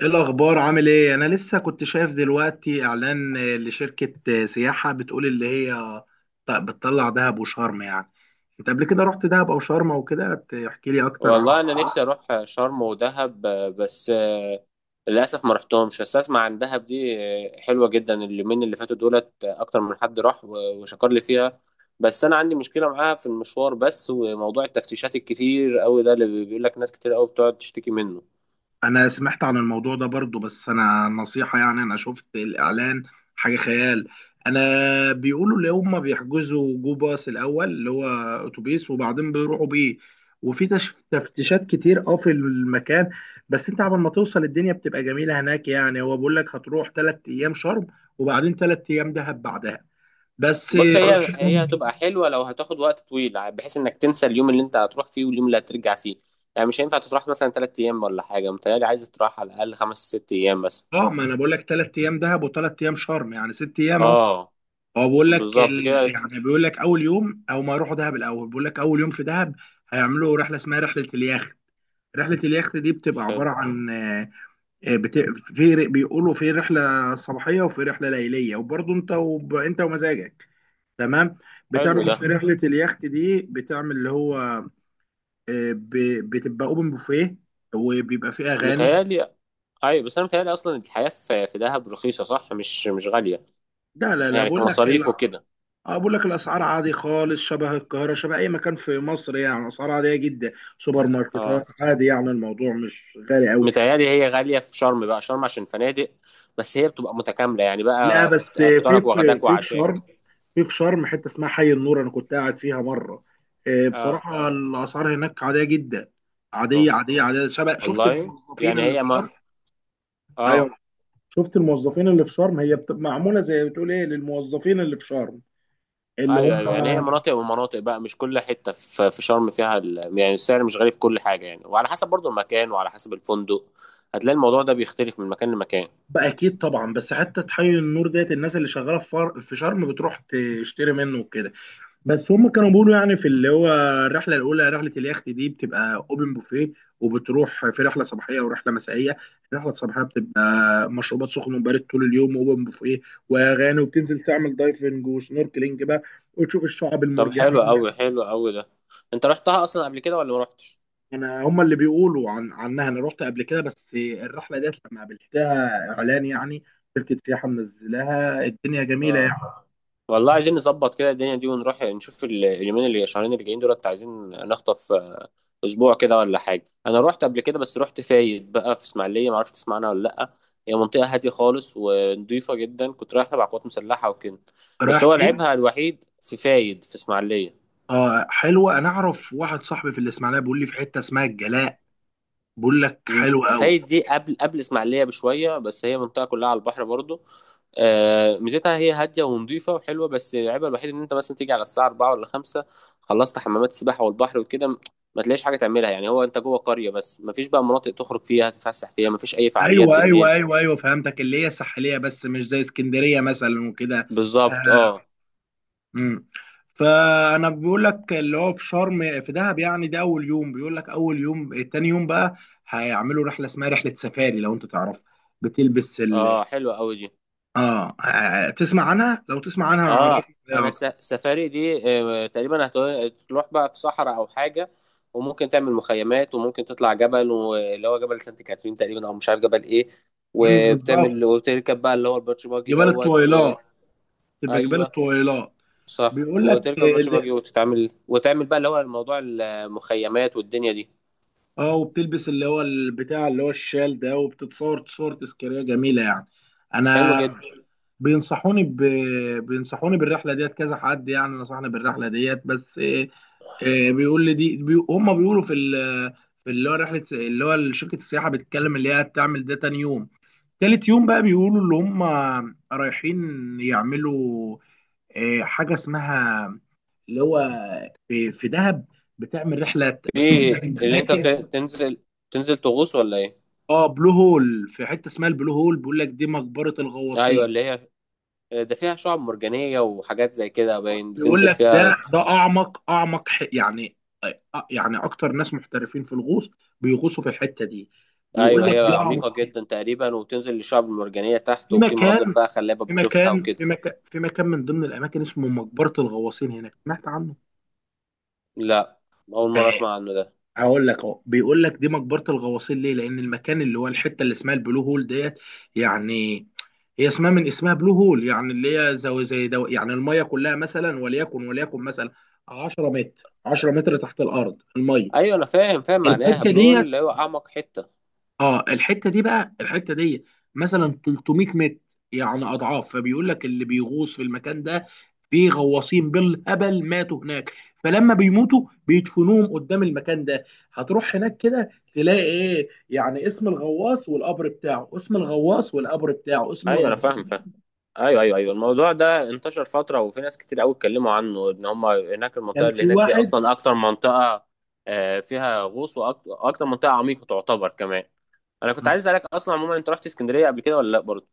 ايه الاخبار؟ عامل ايه؟ انا لسه كنت شايف دلوقتي اعلان لشركة سياحة بتقول اللي هي بتطلع دهب وشرم يعني. انت قبل كده رحت دهب او شرم او كده؟ تحكي لي اكتر عن والله انا نفسي الموضوع؟ اروح شرم ودهب. بس للاسف ما رحتهمش، بس اسمع عن دهب دي حلوه جدا. اليومين اللي فاتوا دولت اكتر من حد راح وشكر لي فيها، بس انا عندي مشكله معاها في المشوار بس، وموضوع التفتيشات الكتير قوي ده اللي بيقول لك ناس كتير قوي بتقعد تشتكي منه. انا سمعت عن الموضوع ده برضو، بس انا نصيحة، يعني انا شفت الاعلان حاجة خيال. انا بيقولوا اللي هم بيحجزوا جو باص الاول اللي هو اتوبيس، وبعدين بيروحوا بيه، وفي تفتيشات كتير اه في المكان. بس انت قبل ما توصل الدنيا بتبقى جميلة هناك، يعني هو بيقول لك هتروح تلات ايام شرم وبعدين تلات ايام دهب بعدها. بس بص، مش هي هتبقى حلوه لو هتاخد وقت طويل، بحيث انك تنسى اليوم اللي انت هتروح فيه واليوم اللي هترجع فيه، يعني مش هينفع تروح مثلا ثلاث ايام ولا حاجه. متهيألي عايز تروح على الاقل خمس ست ايام بس. اه. ما انا بقول لك تلات ايام دهب وتلات ايام شرم، يعني ست ايام اهو. اه، هو بيقول لك بالظبط ال... كده. يعني بيقول لك اول يوم، او ما يروحوا دهب الاول، بيقول لك اول يوم في دهب هيعملوا رحله اسمها رحله اليخت. رحله اليخت دي بتبقى حلو، عباره عن آه، بت... في بيقولوا في رحله صباحيه وفي رحله ليليه، وبرضه انت انت ومزاجك تمام. حلو بتعمل ده. في رحله اليخت دي، بتعمل اللي هو آه، ب... بتبقى اوبن بوفيه، وبيبقى فيه اغاني. متهيألي أيوة. بس أنا متهيألي أصلا الحياة في دهب رخيصة، صح، مش غالية لا لا لا، يعني بقول لك، كمصاريف وكده. اه بقول لك الاسعار عادي خالص، شبه القاهره، شبه اي مكان في مصر، يعني اسعار عاديه جدا. سوبر اه، ماركتات عادي، يعني الموضوع مش غالي قوي. متهيألي هي غالية في شرم بقى، شرم عشان فنادق، بس هي بتبقى متكاملة يعني لا، بقى بس في فطارك في في وغداك في شرم، وعشاك. في شرم حته اسمها حي النور انا كنت قاعد فيها مره. اه، بصراحه الاسعار هناك عاديه جدا. عاديه عاديه عاديه. شبه شفت والله. الموظفين يعني اللي في هي شرم. ما ايوه، اه. شفت الموظفين اللي في شرم هي معموله، زي بتقول ايه للموظفين اللي في شرم اللي ايوه هم. ايوه، يعني هي مناطق ومناطق بقى، مش كل حته في شرم فيها يعني السعر مش غالي في كل حاجه يعني، وعلى حسب برضو المكان وعلى حسب الفندق. هتلاقي الموضوع ده بيختلف من مكان لمكان. بقى اكيد طبعا. بس حتى تحيي النور ديت الناس اللي شغاله في في شرم بتروح تشتري منه وكده. بس هم كانوا بيقولوا يعني في اللي هو الرحله الاولى رحله اليخت دي بتبقى اوبن بوفيه، وبتروح في رحله صباحيه ورحله مسائيه. الرحله الصباحيه بتبقى مشروبات سخن وبارد طول اليوم، واوبن بوفيه واغاني، وبتنزل تعمل دايفنج وسنوركلينج بقى وتشوف الشعاب طب حلو المرجانيه. قوي، حلو قوي ده. انت رحتها اصلا قبل كده ولا ما رحتش؟ انا هما اللي بيقولوا عنها. انا رحت قبل كده، بس الرحله ديت لما قابلتها اعلان، يعني شركه سياحه منزلاها الدنيا جميله يعني. اه والله، عايزين نظبط كده الدنيا دي ونروح نشوف اليومين اللي شهرين اللي جايين دولت، عايزين نخطف اسبوع كده ولا حاجه. انا رحت قبل كده، بس رحت فايد بقى في اسماعيليه، ما اعرفش تسمعنا ولا لا. هي منطقه هاديه خالص ونضيفه جدا، كنت رايح تبع قوات مسلحه وكده. بس رايح هو فين؟ لعيبها الوحيد في فايد في اسماعيليه. اه حلوه. انا اعرف واحد صاحبي في الاسماعيليه بيقول لي في حته اسمها الجلاء، بيقول لك حلوه قوي. فايد دي قبل اسماعيليه بشويه، بس هي منطقه كلها على البحر برضو. ميزتها هي هاديه ونظيفه وحلوه، بس العيبها الوحيد ان انت مثلا تيجي على الساعه 4 ولا 5 خلصت حمامات السباحه والبحر وكده. ما تلاقيش حاجه تعملها يعني، هو انت جوه قريه بس ما فيش بقى مناطق تخرج فيها تتفسح فيها، ما فيش اي فعاليات ايوه ايوه بالليل. ايوه ايوه، فهمتك، اللي هي ساحليه بس مش زي اسكندريه مثلا وكده. بالظبط، اه. امم، فانا بيقول لك اللي هو في شرم في دهب، يعني ده اول يوم، بيقول لك اول يوم. تاني يوم بقى هيعملوا رحله اسمها رحله سفاري لو انت تعرفها، بتلبس ال اه، حلوه قوي دي. اه. تسمع عنها؟ لو تسمع عنها اه، هعرفك عليها انا اكتر. سفاري دي تقريبا هتروح بقى في صحراء او حاجه، وممكن تعمل مخيمات، وممكن تطلع جبل واللي هو جبل سانت كاترين تقريبا او مش عارف جبل ايه، امم، وبتعمل بالظبط. وبتركب بقى اللي هو الباتش باجي جبال دوت. الطويلات، تبقى جبال وايوه، الطويلات. صح، بيقول لك وتركب الباتش باجي اللي... وتتعمل وتعمل بقى اللي هو الموضوع المخيمات والدنيا دي. اه، وبتلبس اللي هو البتاع اللي هو الشال ده، وبتتصور تصور تذكاريه جميله يعني. حلو انا جدا. بينصحوني ب... بينصحوني بالرحله ديت كذا حد، يعني نصحني بالرحله ديت، بس إيه إيه بيقول لي دي هم بيقولوا في ال... في اللي هو رحله اللي هو شركه السياحه بتتكلم اللي هي هتعمل ده تاني يوم. تالت يوم بقى بيقولوا اللي هم رايحين يعملوا إيه حاجه اسمها اللي هو في في دهب بتعمل رحله في بتروح اللي انت اماكن. تنزل تنزل تغوص ولا ايه؟ اه، بلو هول، في حته اسمها البلو هول بيقول لك دي مقبره ايوه الغواصين. اللي هي ده، فيها شعاب مرجانيه وحاجات زي كده باين بيقول بتنزل لك فيها. ده ده اعمق اعمق يعني يعني اكتر ناس محترفين في الغوص بيغوصوا في الحته دي. بيقول اه ايوه، هي لك طبعا عميقة يا. جدا تقريبا، وبتنزل للشعب المرجانية تحت، في وفي مناظر مكان بقى خلابة في بتشوفها مكان في وكده. مكان في مكان من ضمن الاماكن اسمه مقبره الغواصين هناك، سمعت عنه؟ لا، اول آه، مرة اسمع عنه ده. هقول لك اهو. بيقول لك دي مقبره الغواصين ليه؟ لان المكان اللي هو الحته اللي اسمها البلو هول ديت، يعني هي اسمها من اسمها بلو هول، يعني اللي هي زي زي دو، يعني الميه كلها مثلا، وليكن مثلا 10 متر، 10 متر تحت الارض الميه. ايوه انا فاهم فاهم معناها، الحته بنقول اللي ديت، هو اعمق حتة. اه الحته دي بقى، الحته دي مثلا 300 متر، يعني اضعاف. فبيقول لك اللي بيغوص في المكان ده، في غواصين بالهبل ماتوا هناك، فلما بيموتوا بيدفنوهم قدام المكان ده. هتروح هناك كده تلاقي ايه، يعني اسم الغواص والقبر بتاعه، اسم الغواص والقبر بتاعه، اسم ايوه انا الغواص. فاهم فاهم. ايوه ايوه ايوه، الموضوع ده انتشر فترة وفي ناس كتير قوي اتكلموا عنه، ان هم هناك المنطقة كان اللي في هناك دي واحد. اصلا اكتر منطقة فيها غوص، واكتر منطقة عميقة تعتبر كمان. انا كنت عايز اسالك اصلا عموما، انت رحت اسكندرية قبل كده ولا لا برضه؟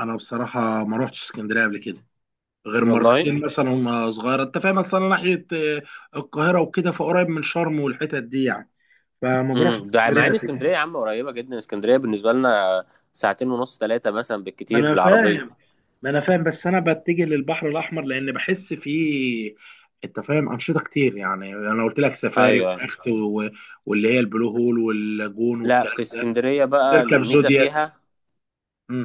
انا بصراحه ما روحتش اسكندريه قبل كده غير والله. مرتين مثلا وانا صغير، انت فاهم، مثلا ناحيه القاهره وكده، فقريب من شرم والحتت دي يعني، فما بروحش امم، ده مع اسكندريه ان قد اسكندريه كده. يا عم قريبه جدا، اسكندريه بالنسبه لنا ساعتين ونص ثلاثه مثلا ما بالكتير انا بالعربيه. فاهم، ما انا فاهم، بس انا بتجه للبحر الاحمر لان بحس فيه، انت فاهم، انشطه كتير، يعني انا قلت لك سفاري ايوه ايوه. ويخت واللي هي البلو هول واللاجون لا، والكلام في ده. اسكندريه بقى تركب الميزه زودياك. فيها،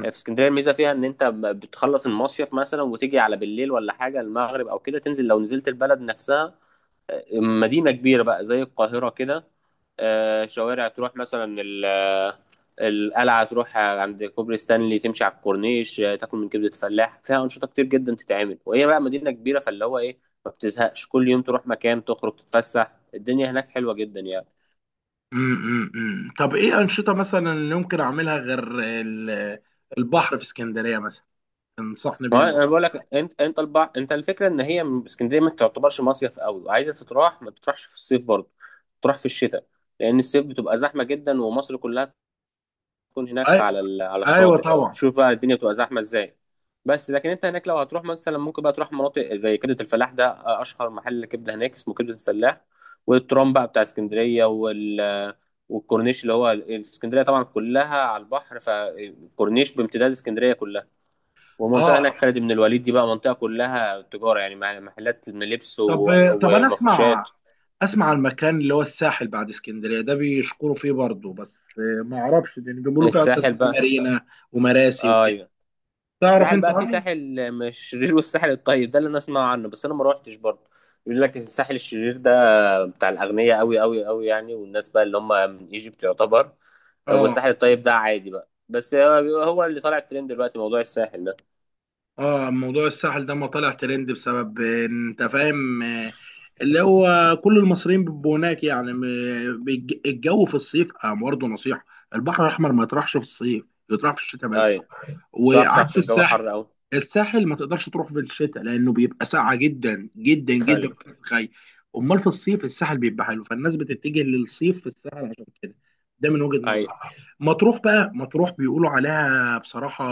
في اسكندريه الميزه فيها ان انت بتخلص المصيف مثلا وتيجي على بالليل ولا حاجه، المغرب او كده، تنزل لو نزلت البلد نفسها، مدينه كبيره بقى زي القاهره كده. شوارع تروح مثلا القلعة، تروح عند كوبري ستانلي، تمشي على الكورنيش، تاكل من كبدة فلاح، فيها أنشطة كتير جدا تتعمل، وهي بقى مدينة كبيرة فاللي هو إيه، ما بتزهقش. كل يوم تروح مكان تخرج تتفسح، الدنيا هناك حلوة جدا يعني. امم، طب ايه انشطه مثلا اللي ممكن اعملها غير البحر في اسكندريه مثلا تنصحني ما بيه هو أنا مثلا؟ بقول لك، أنت أنت الفكرة إن هي اسكندرية ما تعتبرش مصيف قوي، وعايزة تتراح ما تروحش في الصيف برضه، تروح في الشتاء. لأن الصيف بتبقى زحمة جدا ومصر كلها تكون هناك أي... على على ايوه الشاطئ، طبعا. فبتشوف بقى الدنيا بتبقى زحمه ازاي. بس لكن انت هناك لو هتروح مثلا، ممكن بقى تروح مناطق زي كبده الفلاح ده، اشهر محل كبده هناك اسمه كبده الفلاح، والترام بقى بتاع اسكندريه والكورنيش، اللي هو اسكندريه طبعا كلها على البحر، فالكورنيش بامتداد اسكندريه كلها، والمنطقه اه، هناك خالد بن الوليد دي بقى منطقه كلها تجاره يعني، محلات من لبس طب طب انا اسمع، ومفروشات. اسمع المكان اللي هو الساحل بعد اسكندريه ده بيشكروا فيه برضه، بس ما اعرفش، لان بيقولوا فيها أكتر الساحل اسمها بقى. مارينا ومراسي وكده. ايوه، تعرف الساحل انت بقى في عني؟ ساحل مشرير والساحل الطيب، ده اللي انا اسمع عنه، بس انا ما روحتش برضه. يقول لك الساحل الشرير ده بتاع الاغنياء قوي قوي قوي يعني، والناس بقى اللي هم من ايجيبت يعتبر، اه والساحل الطيب ده عادي بقى. بس هو هو اللي طالع الترند دلوقتي، موضوع الساحل ده. اه، موضوع الساحل ده ما طلع ترند بسبب انت فاهم اللي هو كل المصريين بيبقوا هناك يعني، الجو في الصيف اه. برضه نصيحه، البحر الاحمر ما يطرحش في الصيف، يطرح في الشتاء بس. ايوه. صح صح، وعكس عشان الجو الساحل، حر قوي. الساحل ما تقدرش تروح في الشتاء لانه بيبقى ساقعه جدا جدا جدا في تلج. الخي. امال في الصيف الساحل بيبقى حلو، فالناس بتتجه للصيف في الساحل عشان كده، ده من وجهة نظري. ايوه مطروح بقى، مطروح بيقولوا عليها بصراحة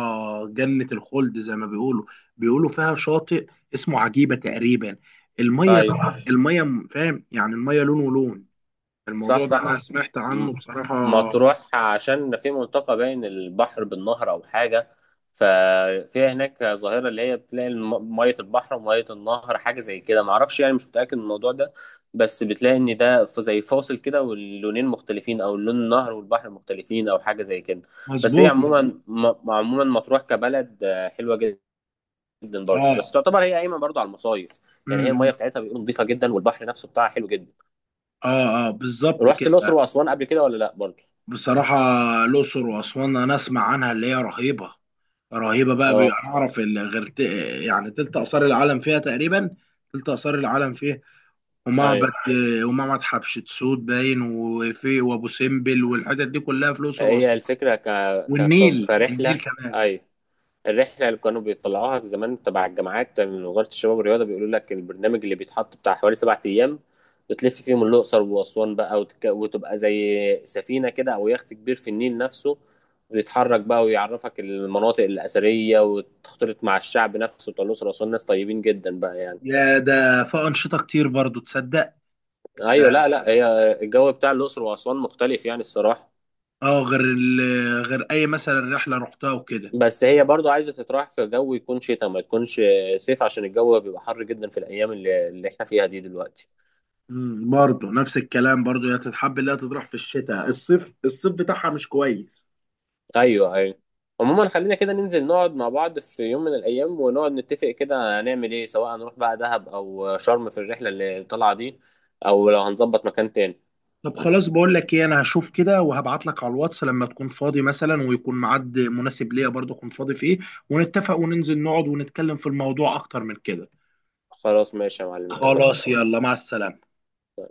جنة الخلد زي ما بيقولوا. بيقولوا فيها شاطئ اسمه عجيبة تقريبا، المية، ايوه، المية فاهم يعني المية لون ولون. صح الموضوع ده صح. انا سمعت م- عنه بصراحة. مطروح، عشان في منطقة بين البحر بالنهر أو حاجة، ففيها هناك ظاهرة اللي هي بتلاقي مية البحر ومية النهر، حاجة زي كده، معرفش يعني مش متأكد من الموضوع ده، بس بتلاقي إن ده زي فاصل كده، واللونين مختلفين، أو لون النهر والبحر مختلفين أو حاجة زي كده. بس هي مظبوط مظبوط. عموما، عموما مطروح كبلد حلوة جدا برضه، بس اه تعتبر هي قايمة برضه على المصايف، يعني هي المية بتاعتها بيقولوا نظيفة جدا، والبحر نفسه بتاعها حلو جدا. اه اه، بالظبط رحت كده. الأقصر وأسوان قبل كده ولا لأ برضه؟ بصراحة الأقصر وأسوان أنا أسمع عنها اللي هي رهيبة. رهيبة بقى، اه. بيعرف اللي غير يعني تلت آثار العالم فيها تقريبا، تلت آثار العالم فيها، ومعبد، ايوه، ومعبد حتشبسوت باين، وفي وأبو سمبل، والحتت دي كلها في الأقصر هي وأسوان. الفكرة والنيل، النيل كرحلة، كمان. أيوة، الرحلة اللي كانوا بيطلعوها زمان تبع الجامعات من وزارة الشباب والرياضة، بيقولوا لك البرنامج اللي بيتحط بتاع حوالي 7 أيام، بتلف فيهم الأقصر وأسوان بقى، وتبقى زي سفينة كده أو يخت كبير في النيل نفسه، ويتحرك بقى ويعرفك المناطق الأثرية، وتختلط مع الشعب نفسه بتاع الأقصر وأسوان، ناس طيبين جدا بقى يعني. يا ده في أنشطة كتير برضو تصدق أيوة. ده لا لا، هي الجو بتاع الأقصر وأسوان مختلف يعني الصراحة. اه، غير أي مثلا رحلة رحتها وكده. بس هي برضو عايزة تتراوح في جو يكون شتاء ما تكونش صيف، عشان الجو بيبقى حر جدا في الأيام اللي, اللي احنا فيها دي دلوقتي. برضه نفس الكلام، برضه هي تتحب اللي هي تطرح في الشتاء، الصيف الصيف بتاعها مش كويس. أيوه أيوه. عموما، خلينا كده ننزل نقعد مع بعض في يوم من الأيام، ونقعد نتفق كده هنعمل إيه، سواء هنروح بقى دهب أو شرم في الرحلة اللي طالعة دي، أو لو هنظبط مكان تاني. طب خلاص، بقول لك ايه، انا هشوف كده وهبعت لك على الواتس لما تكون فاضي مثلا ويكون ميعاد مناسب ليا برضه اكون فاضي فيه، ونتفق وننزل نقعد ونتكلم في الموضوع اكتر من كده. خلاص ماشي يا معلم، اتفقنا. خلاص يلا، مع السلامة.